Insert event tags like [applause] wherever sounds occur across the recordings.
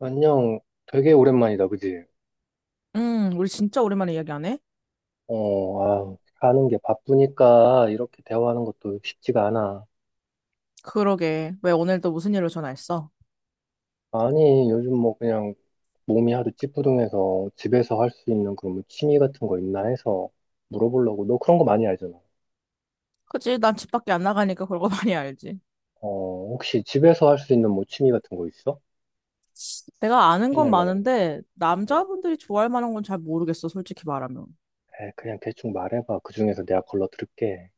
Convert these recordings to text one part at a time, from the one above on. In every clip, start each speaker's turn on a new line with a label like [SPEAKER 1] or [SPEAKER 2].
[SPEAKER 1] 안녕. 되게 오랜만이다, 그지?
[SPEAKER 2] 우리 진짜 오랜만에 이야기하네?
[SPEAKER 1] 어, 아, 사는 게 바쁘니까 이렇게 대화하는 것도 쉽지가 않아.
[SPEAKER 2] 그러게. 왜 오늘도 무슨 일로 전화했어?
[SPEAKER 1] 아니, 요즘 뭐 그냥 몸이 하도 찌뿌둥해서 집에서 할 수 있는 그런 뭐 취미 같은 거 있나 해서 물어보려고. 너 그런 거 많이 알잖아.
[SPEAKER 2] 그치, 난 집 밖에 안 나가니까 그런 거 많이 알지.
[SPEAKER 1] 어, 혹시 집에서 할 수 있는 뭐 취미 같은 거 있어?
[SPEAKER 2] 내가 아는 건
[SPEAKER 1] 추천할 만한 거.
[SPEAKER 2] 많은데,
[SPEAKER 1] 어.
[SPEAKER 2] 남자분들이 좋아할 만한 건 잘 모르겠어, 솔직히 말하면.
[SPEAKER 1] 에, 그냥 대충 말해봐. 그 중에서 내가 걸러들을게.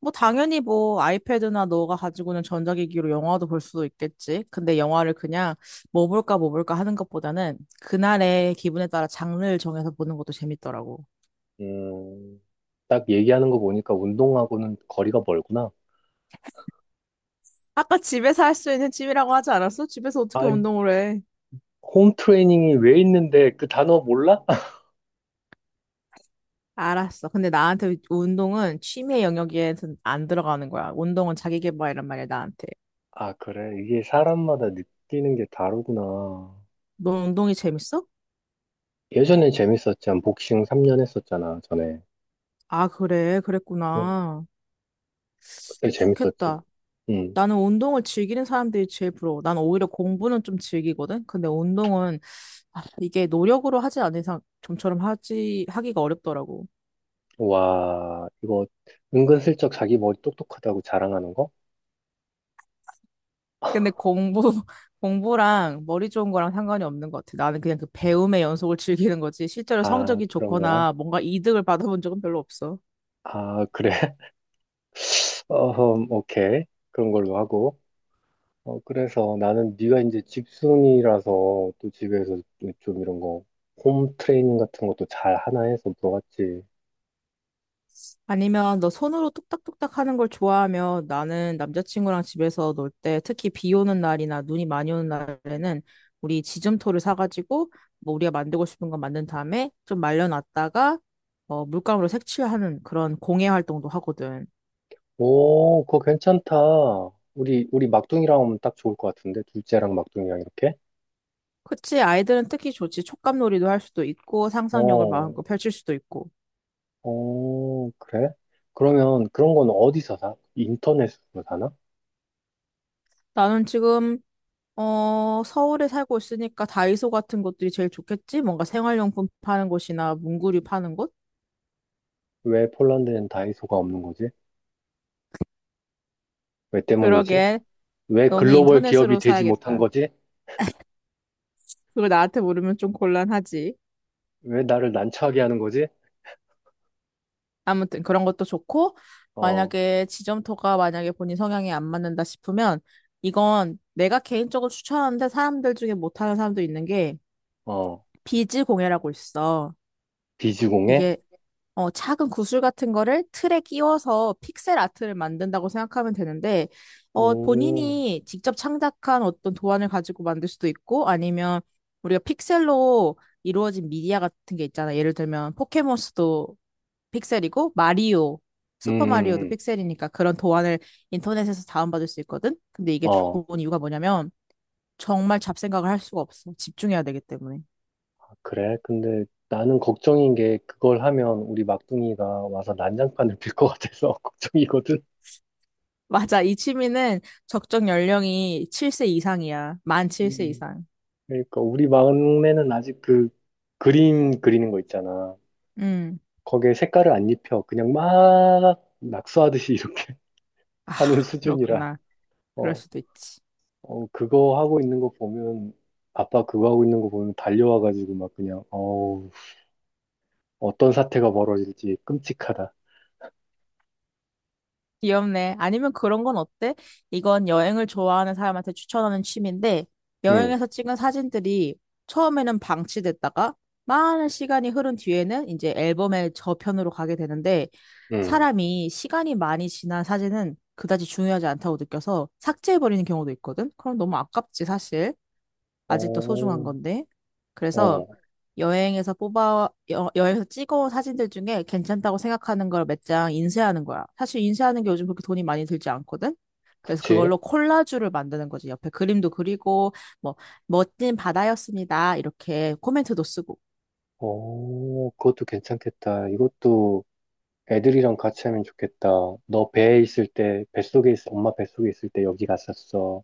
[SPEAKER 2] 뭐, 당연히 뭐, 아이패드나 너가 가지고 있는 전자기기로 영화도 볼 수도 있겠지. 근데 영화를 그냥 뭐 볼까, 뭐 볼까 하는 것보다는, 그날의 기분에 따라 장르를 정해서 보는 것도 재밌더라고.
[SPEAKER 1] 음, 딱 얘기하는 거 보니까 운동하고는 거리가 멀구나.
[SPEAKER 2] 아까 집에서 할 수 있는 취미라고 하지 않았어? 집에서
[SPEAKER 1] 아,
[SPEAKER 2] 어떻게 운동을 해?
[SPEAKER 1] 홈 트레이닝이 왜 있는데 그 단어 몰라? [laughs]
[SPEAKER 2] 알았어. 근데 나한테 운동은 취미 영역에 안 들어가는 거야. 운동은 자기 개발이란 말이야, 나한테.
[SPEAKER 1] 아, 그래. 이게 사람마다 느끼는 게 다르구나.
[SPEAKER 2] 넌 운동이 재밌어?
[SPEAKER 1] 예전엔 재밌었지만 복싱 3년 했었잖아, 전에.
[SPEAKER 2] 아, 그래.
[SPEAKER 1] 응,
[SPEAKER 2] 그랬구나.
[SPEAKER 1] 그때 재밌었지.
[SPEAKER 2] 좋겠다.
[SPEAKER 1] 응.
[SPEAKER 2] 나는 운동을 즐기는 사람들이 제일 부러워. 난 오히려 공부는 좀 즐기거든? 근데 운동은, 아, 이게 노력으로 하지 않은 이상 좀처럼 하지, 하기가 어렵더라고.
[SPEAKER 1] 와, 이거 은근슬쩍 자기 머리 똑똑하다고 자랑하는 거?
[SPEAKER 2] 근데 공부, [laughs] 공부랑 머리 좋은 거랑 상관이 없는 것 같아. 나는 그냥 그 배움의 연속을 즐기는 거지. 실제로
[SPEAKER 1] 아,
[SPEAKER 2] 성적이
[SPEAKER 1] 그런 거야?
[SPEAKER 2] 좋거나 뭔가 이득을 받아본 적은 별로 없어.
[SPEAKER 1] 아, 그래. [laughs] 어, 오케이. 그런 걸로 하고. 어, 그래서 나는 네가 이제 집순이라서 또 집에서 좀 이런 거 홈 트레이닝 같은 것도 잘 하나 해서 물어봤지.
[SPEAKER 2] 아니면 너 손으로 뚝딱뚝딱 하는 걸 좋아하면 나는 남자친구랑 집에서 놀 때 특히 비 오는 날이나 눈이 많이 오는 날에는 우리 지점토를 사가지고 뭐 우리가 만들고 싶은 거 만든 다음에 좀 말려놨다가 물감으로 색칠하는 그런 공예 활동도 하거든.
[SPEAKER 1] 오, 그거 괜찮다. 우리 막둥이랑 오면 딱 좋을 것 같은데? 둘째랑 막둥이랑 이렇게?
[SPEAKER 2] 그치, 아이들은 특히 좋지. 촉감놀이도 할 수도 있고 상상력을
[SPEAKER 1] 어,
[SPEAKER 2] 마음껏 펼칠 수도 있고.
[SPEAKER 1] 어, 그래? 그러면 그런 건 어디서 사? 인터넷으로 사나?
[SPEAKER 2] 나는 지금 서울에 살고 있으니까 다이소 같은 곳들이 제일 좋겠지? 뭔가 생활용품 파는 곳이나 문구류 파는 곳?
[SPEAKER 1] 왜 폴란드엔 다이소가 없는 거지? 왜 때문이지?
[SPEAKER 2] 그러게.
[SPEAKER 1] 왜
[SPEAKER 2] 너는
[SPEAKER 1] 글로벌 기업이
[SPEAKER 2] 인터넷으로
[SPEAKER 1] 되지 못한
[SPEAKER 2] 사야겠다.
[SPEAKER 1] 거지?
[SPEAKER 2] 그걸 나한테 물으면 좀 곤란하지.
[SPEAKER 1] 왜 나를 난처하게 하는 거지?
[SPEAKER 2] 아무튼 그런 것도 좋고,
[SPEAKER 1] 어,
[SPEAKER 2] 만약에 지점토가 만약에 본인 성향에 안 맞는다 싶으면, 이건 내가 개인적으로 추천하는데 사람들 중에 못하는 사람도 있는 게,
[SPEAKER 1] 어,
[SPEAKER 2] 비즈 공예라고 있어.
[SPEAKER 1] 비즈공해?
[SPEAKER 2] 이게 작은 구슬 같은 거를 틀에 끼워서 픽셀 아트를 만든다고 생각하면 되는데,
[SPEAKER 1] 오,
[SPEAKER 2] 본인이 직접 창작한 어떤 도안을 가지고 만들 수도 있고, 아니면 우리가 픽셀로 이루어진 미디어 같은 게 있잖아. 예를 들면 포켓몬스도 픽셀이고, 마리오,
[SPEAKER 1] 음, 음,
[SPEAKER 2] 슈퍼마리오도
[SPEAKER 1] 음.
[SPEAKER 2] 픽셀이니까 그런 도안을 인터넷에서 다운받을 수 있거든? 근데 이게
[SPEAKER 1] 어,
[SPEAKER 2] 좋은 이유가 뭐냐면, 정말 잡생각을 할 수가 없어. 집중해야 되기 때문에.
[SPEAKER 1] 그래? 근데 나는 걱정인 게 그걸 하면 우리 막둥이가 와서 난장판을 빌 것 같아서 [laughs] 걱정이거든.
[SPEAKER 2] 맞아. 이 취미는 적정 연령이 7세 이상이야. 만 7세
[SPEAKER 1] 음.
[SPEAKER 2] 이상.
[SPEAKER 1] 그러니까 우리 막내는 아직 그 그림 그리는 거 있잖아.
[SPEAKER 2] 음.
[SPEAKER 1] 거기에 색깔을 안 입혀. 그냥 막 낙서하듯이 [laughs] 이렇게
[SPEAKER 2] 아,
[SPEAKER 1] 하는 수준이라.
[SPEAKER 2] 그렇구나. 그럴
[SPEAKER 1] 어,
[SPEAKER 2] 수도 있지.
[SPEAKER 1] 어, 그거 하고 있는 거 보면, 아빠 그거 하고 있는 거 보면 달려와가지고 막 그냥, 어우, 어떤 사태가 벌어질지 끔찍하다.
[SPEAKER 2] 귀엽네. 아니면 그런 건 어때? 이건 여행을 좋아하는 사람한테 추천하는 취미인데,
[SPEAKER 1] 응,
[SPEAKER 2] 여행에서 찍은 사진들이 처음에는 방치됐다가, 많은 시간이 흐른 뒤에는 이제 앨범의 저편으로 가게 되는데,
[SPEAKER 1] 응.
[SPEAKER 2] 사람이 시간이 많이 지난 사진은 그다지 중요하지 않다고 느껴서 삭제해버리는 경우도 있거든? 그럼 너무 아깝지, 사실. 아직도 소중한
[SPEAKER 1] 어,
[SPEAKER 2] 건데. 그래서
[SPEAKER 1] 어,
[SPEAKER 2] 여행에서 찍어온 사진들 중에 괜찮다고 생각하는 걸 몇 장 인쇄하는 거야. 사실 인쇄하는 게 요즘 그렇게 돈이 많이 들지 않거든? 그래서
[SPEAKER 1] 그치.
[SPEAKER 2] 그걸로 콜라주를 만드는 거지. 옆에 그림도 그리고, 뭐, 멋진 바다였습니다. 이렇게 코멘트도 쓰고.
[SPEAKER 1] 오, 그것도 괜찮겠다. 이것도 애들이랑 같이 하면 좋겠다. 너 배에 있을 때, 엄마 뱃속에 있을 때 여기 갔었어.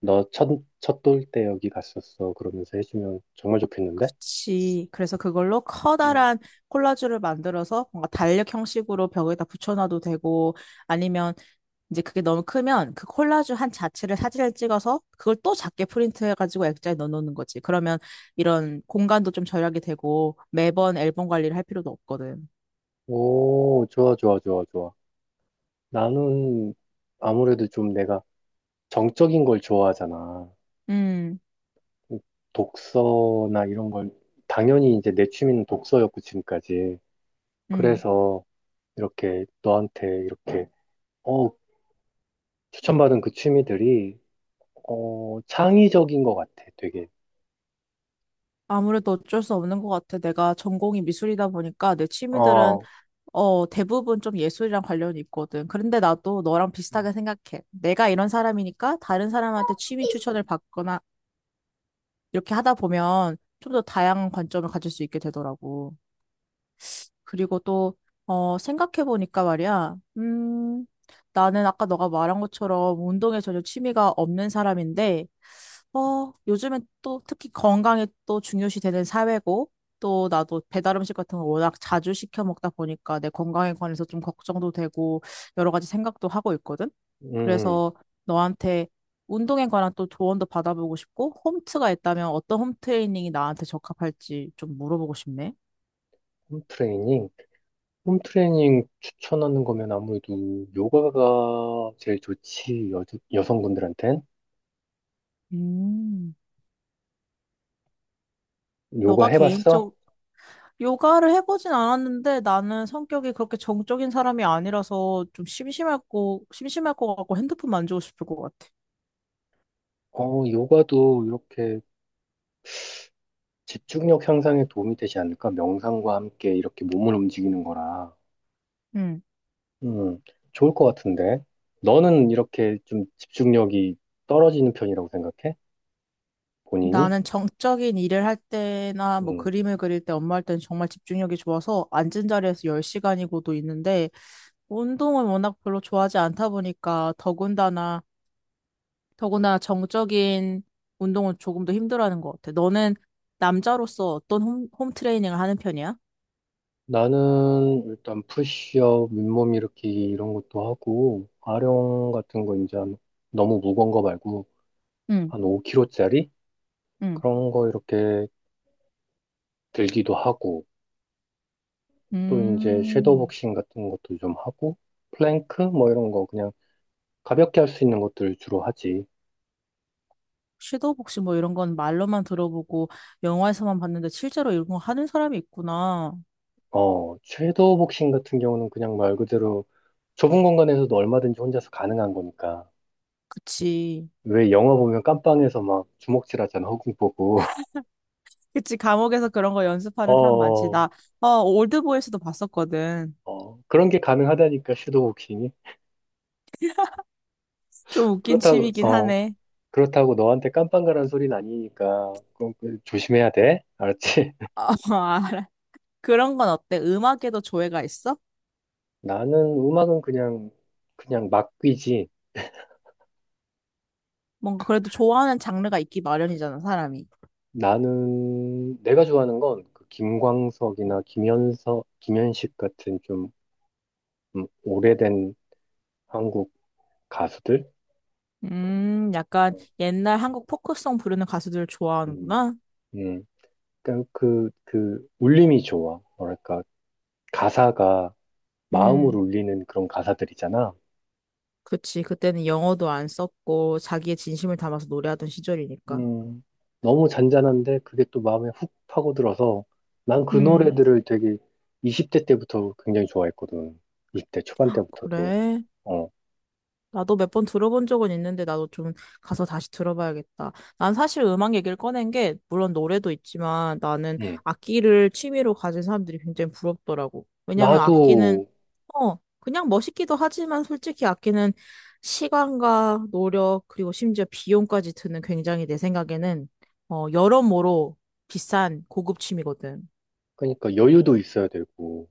[SPEAKER 1] 너 첫, 첫돌 때 여기 갔었어. 그러면서 해주면 정말 좋겠는데?
[SPEAKER 2] 그치. 그래서 그걸로
[SPEAKER 1] 어.
[SPEAKER 2] 커다란 콜라주를 만들어서 뭔가 달력 형식으로 벽에다 붙여놔도 되고, 아니면 이제 그게 너무 크면 그 콜라주 한 자체를 사진을 찍어서 그걸 또 작게 프린트해가지고 액자에 넣어놓는 거지. 그러면 이런 공간도 좀 절약이 되고 매번 앨범 관리를 할 필요도 없거든.
[SPEAKER 1] 오, 좋아, 좋아, 좋아, 좋아. 나는 아무래도 좀 내가 정적인 걸 좋아하잖아.
[SPEAKER 2] 음,
[SPEAKER 1] 독서나 이런 걸, 당연히 이제 내 취미는 독서였고, 지금까지.
[SPEAKER 2] 음.
[SPEAKER 1] 그래서 이렇게 너한테 이렇게 어, 추천받은 그 취미들이 어, 창의적인 것 같아, 되게.
[SPEAKER 2] 아무래도 어쩔 수 없는 것 같아. 내가 전공이 미술이다 보니까 내 취미들은
[SPEAKER 1] 어,
[SPEAKER 2] 대부분 좀 예술이랑 관련이 있거든. 그런데 나도 너랑 비슷하게 생각해. 내가 이런 사람이니까 다른 사람한테 취미 추천을 받거나 이렇게 하다 보면 좀 더 다양한 관점을 가질 수 있게 되더라고. 그리고 또, 생각해보니까 말이야, 나는 아까 너가 말한 것처럼 운동에 전혀 취미가 없는 사람인데, 요즘엔 또 특히 건강이 또 중요시 되는 사회고, 또 나도 배달 음식 같은 거 워낙 자주 시켜 먹다 보니까 내 건강에 관해서 좀 걱정도 되고, 여러 가지 생각도 하고 있거든?
[SPEAKER 1] 음,
[SPEAKER 2] 그래서 너한테 운동에 관한 또 조언도 받아보고 싶고, 홈트가 있다면 어떤 홈 트레이닝이 나한테 적합할지 좀 물어보고 싶네.
[SPEAKER 1] 홈트레이닝. 홈트레이닝 추천하는 거면 아무래도 요가가 제일 좋지, 여성분들한텐.
[SPEAKER 2] 음.
[SPEAKER 1] 요가
[SPEAKER 2] 너가
[SPEAKER 1] 해봤어?
[SPEAKER 2] 개인적 요가를 해보진 않았는데 나는 성격이 그렇게 정적인 사람이 아니라서 좀 심심할 것 같고 핸드폰 만지고 싶을 것 같아.
[SPEAKER 1] 어, 요가도 이렇게 집중력 향상에 도움이 되지 않을까? 명상과 함께 이렇게 몸을 움직이는 거라.
[SPEAKER 2] 음,
[SPEAKER 1] 음, 좋을 것 같은데. 너는 이렇게 좀 집중력이 떨어지는 편이라고 생각해? 본인이?
[SPEAKER 2] 나는 정적인 일을 할 때나 뭐
[SPEAKER 1] 음.
[SPEAKER 2] 그림을 그릴 때 엄마 할 때는 정말 집중력이 좋아서 앉은 자리에서 10시간이고도 있는데 운동을 워낙 별로 좋아하지 않다 보니까 더군다나 정적인 운동은 조금 더 힘들어하는 것 같아. 너는 남자로서 어떤 홈 트레이닝을 하는 편이야?
[SPEAKER 1] 나는 일단 푸시업, 윗몸 일으키기 이런 것도 하고, 아령 같은 거 이제 한- 너무 무거운 거 말고
[SPEAKER 2] 응.
[SPEAKER 1] 한 5kg짜리?
[SPEAKER 2] 응.
[SPEAKER 1] 그런 거 이렇게 들기도 하고, 또 이제 섀도우
[SPEAKER 2] 음,
[SPEAKER 1] 복싱 같은 것도 좀 하고, 플랭크 뭐 이런 거 그냥 가볍게 할 수 있는 것들 주로 하지.
[SPEAKER 2] 섀도우복시 뭐 이런 건 말로만 들어보고 영화에서만 봤는데 실제로 이런 거 하는 사람이 있구나.
[SPEAKER 1] 어, 섀도우 복싱 같은 경우는 그냥 말 그대로 좁은 공간에서도 얼마든지 혼자서 가능한 거니까.
[SPEAKER 2] 그치.
[SPEAKER 1] 왜 영화 보면 깜빵에서 막 주먹질 하잖아, 허공 보고. [laughs]
[SPEAKER 2] 그치. 감옥에서 그런 거 연습하는 사람 많지.
[SPEAKER 1] 어,
[SPEAKER 2] 나, 올드보이스도 봤었거든.
[SPEAKER 1] 어, 그런 게 가능하다니까, 섀도우복싱이.
[SPEAKER 2] 좀 웃긴
[SPEAKER 1] 그렇다고,
[SPEAKER 2] 취미긴
[SPEAKER 1] 어,
[SPEAKER 2] 하네.
[SPEAKER 1] 그렇다고 너한테 깜빵가란 소리는 아니니까, 조심해야 돼. 알았지? [laughs]
[SPEAKER 2] 어, [laughs] 알아. 그런 건 어때? 음악에도 조예가 있어?
[SPEAKER 1] 나는 음악은 그냥, 그냥 막 귀지.
[SPEAKER 2] 뭔가 그래도 좋아하는 장르가 있기 마련이잖아, 사람이.
[SPEAKER 1] 나는, 내가 좋아하는 건그 김광석이나 김현식 같은 좀, 오래된 한국 가수들?
[SPEAKER 2] 약간 옛날 한국 포크송 부르는 가수들
[SPEAKER 1] 음,
[SPEAKER 2] 좋아하는구나.
[SPEAKER 1] 음. 그러니까 울림이 좋아. 뭐랄까, 가사가 마음을
[SPEAKER 2] 음.
[SPEAKER 1] 울리는 그런 가사들이잖아.
[SPEAKER 2] 그치. 그때는 영어도 안 썼고 자기의 진심을 담아서 노래하던 시절이니까.
[SPEAKER 1] 음, 너무 잔잔한데 그게 또 마음에 훅 파고들어서 난 그
[SPEAKER 2] 음,
[SPEAKER 1] 노래들을 되게 20대 때부터 굉장히 좋아했거든. 20대 초반 때부터도.
[SPEAKER 2] 그래.
[SPEAKER 1] 어,
[SPEAKER 2] 나도 몇 번 들어본 적은 있는데 나도 좀 가서 다시 들어봐야겠다. 난 사실 음악 얘기를 꺼낸 게 물론 노래도 있지만 나는
[SPEAKER 1] 음.
[SPEAKER 2] 악기를 취미로 가진 사람들이 굉장히 부럽더라고. 왜냐면
[SPEAKER 1] 나도
[SPEAKER 2] 악기는 그냥 멋있기도 하지만 솔직히 악기는 시간과 노력 그리고 심지어 비용까지 드는 굉장히 내 생각에는 여러모로 비싼 고급 취미거든.
[SPEAKER 1] 그러니까 여유도 있어야 되고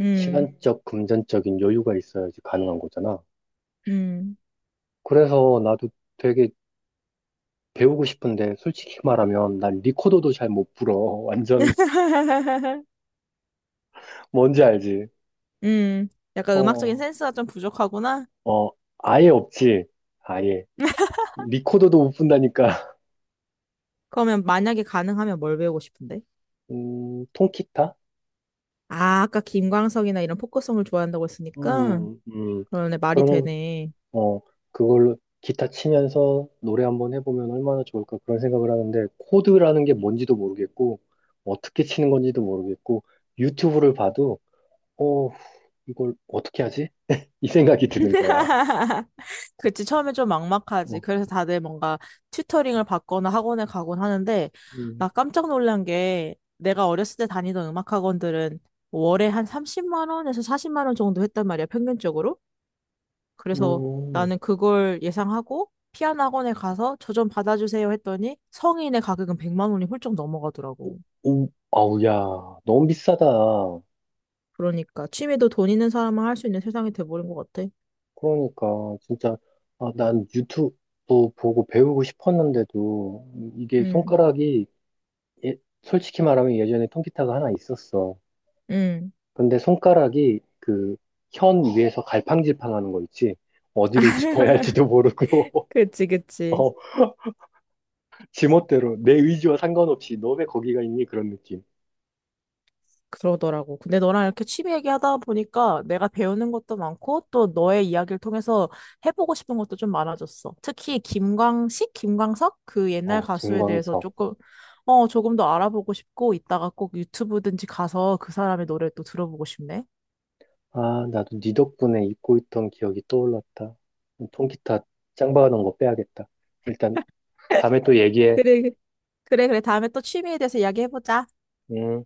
[SPEAKER 2] 음.
[SPEAKER 1] 시간적, 금전적인 여유가 있어야지 가능한 거잖아.
[SPEAKER 2] 음.
[SPEAKER 1] 그래서 나도 되게 배우고 싶은데 솔직히 말하면 난 리코더도 잘 못 불어. 완전
[SPEAKER 2] [laughs]
[SPEAKER 1] [laughs] 뭔지 알지?
[SPEAKER 2] 음. 약간 음악적인
[SPEAKER 1] 어,
[SPEAKER 2] 센스가 좀 부족하구나.
[SPEAKER 1] 어, 아예 없지. 아예. 리코더도 못 분다니까.
[SPEAKER 2] 그러면 만약에 가능하면 뭘 배우고 싶은데?
[SPEAKER 1] 통기타?
[SPEAKER 2] 아, 아까 김광석이나 이런 포크송을 좋아한다고 했으니까.
[SPEAKER 1] 음, 음,
[SPEAKER 2] 그러네, 말이
[SPEAKER 1] 그럼,
[SPEAKER 2] 되네.
[SPEAKER 1] 어, 그걸로 기타 치면서 노래 한번 해보면 얼마나 좋을까 그런 생각을 하는데, 코드라는 게 뭔지도 모르겠고, 어떻게 치는 건지도 모르겠고, 유튜브를 봐도, 어, 이걸 어떻게 하지? 이 생각이 드는 거야.
[SPEAKER 2] [laughs] 그치, 처음에 좀 막막하지.
[SPEAKER 1] 어,
[SPEAKER 2] 그래서 다들 뭔가 튜터링을 받거나 학원에 가곤 하는데,
[SPEAKER 1] 음,
[SPEAKER 2] 나 깜짝 놀란 게, 내가 어렸을 때 다니던 음악 학원들은 월에 한 30만 원에서 40만 원 정도 했단 말이야, 평균적으로. 그래서
[SPEAKER 1] 음,
[SPEAKER 2] 나는 그걸 예상하고 피아노 학원에 가서 저 좀 받아주세요 했더니 성인의 가격은 100만 원이 훌쩍 넘어가더라고.
[SPEAKER 1] 오, 아우, 야, 너무 비싸다.
[SPEAKER 2] 그러니까 취미도 돈 있는 사람만 할 수 있는 세상이 돼버린 것 같아.
[SPEAKER 1] 그러니까, 진짜, 아, 난 유튜브 보고 배우고 싶었는데도, 이게
[SPEAKER 2] 응,
[SPEAKER 1] 손가락이 솔직히 말하면 예전에 통기타가 하나 있었어.
[SPEAKER 2] 응.
[SPEAKER 1] 근데 손가락이 그 현 위에서 갈팡질팡하는 거 있지. 어디를 짚어야 할지도 모르고,
[SPEAKER 2] 그치,
[SPEAKER 1] [laughs]
[SPEAKER 2] 그치.
[SPEAKER 1] 어, 지멋대로 내 의지와 상관없이 너 왜 거기가 있니? 그런 느낌.
[SPEAKER 2] 그러더라고. 근데 너랑 이렇게 취미 얘기하다 보니까 내가 배우는 것도 많고 또 너의 이야기를 통해서 해보고 싶은 것도 좀 많아졌어. 특히 김광식, 김광석 그 옛날
[SPEAKER 1] 어,
[SPEAKER 2] 가수에 대해서
[SPEAKER 1] 김광석.
[SPEAKER 2] 조금 어 조금 더 알아보고 싶고 이따가 꼭 유튜브든지 가서 그 사람의 노래를 또 들어보고 싶네.
[SPEAKER 1] 아, 나도 네 덕분에 잊고 있던 기억이 떠올랐다. 통기타 짱 박아놓은 거 빼야겠다. 일단 다음에 또 얘기해.
[SPEAKER 2] 그래, 그래, 그래. 다음에 또 취미에 대해서 이야기해보자.
[SPEAKER 1] 음.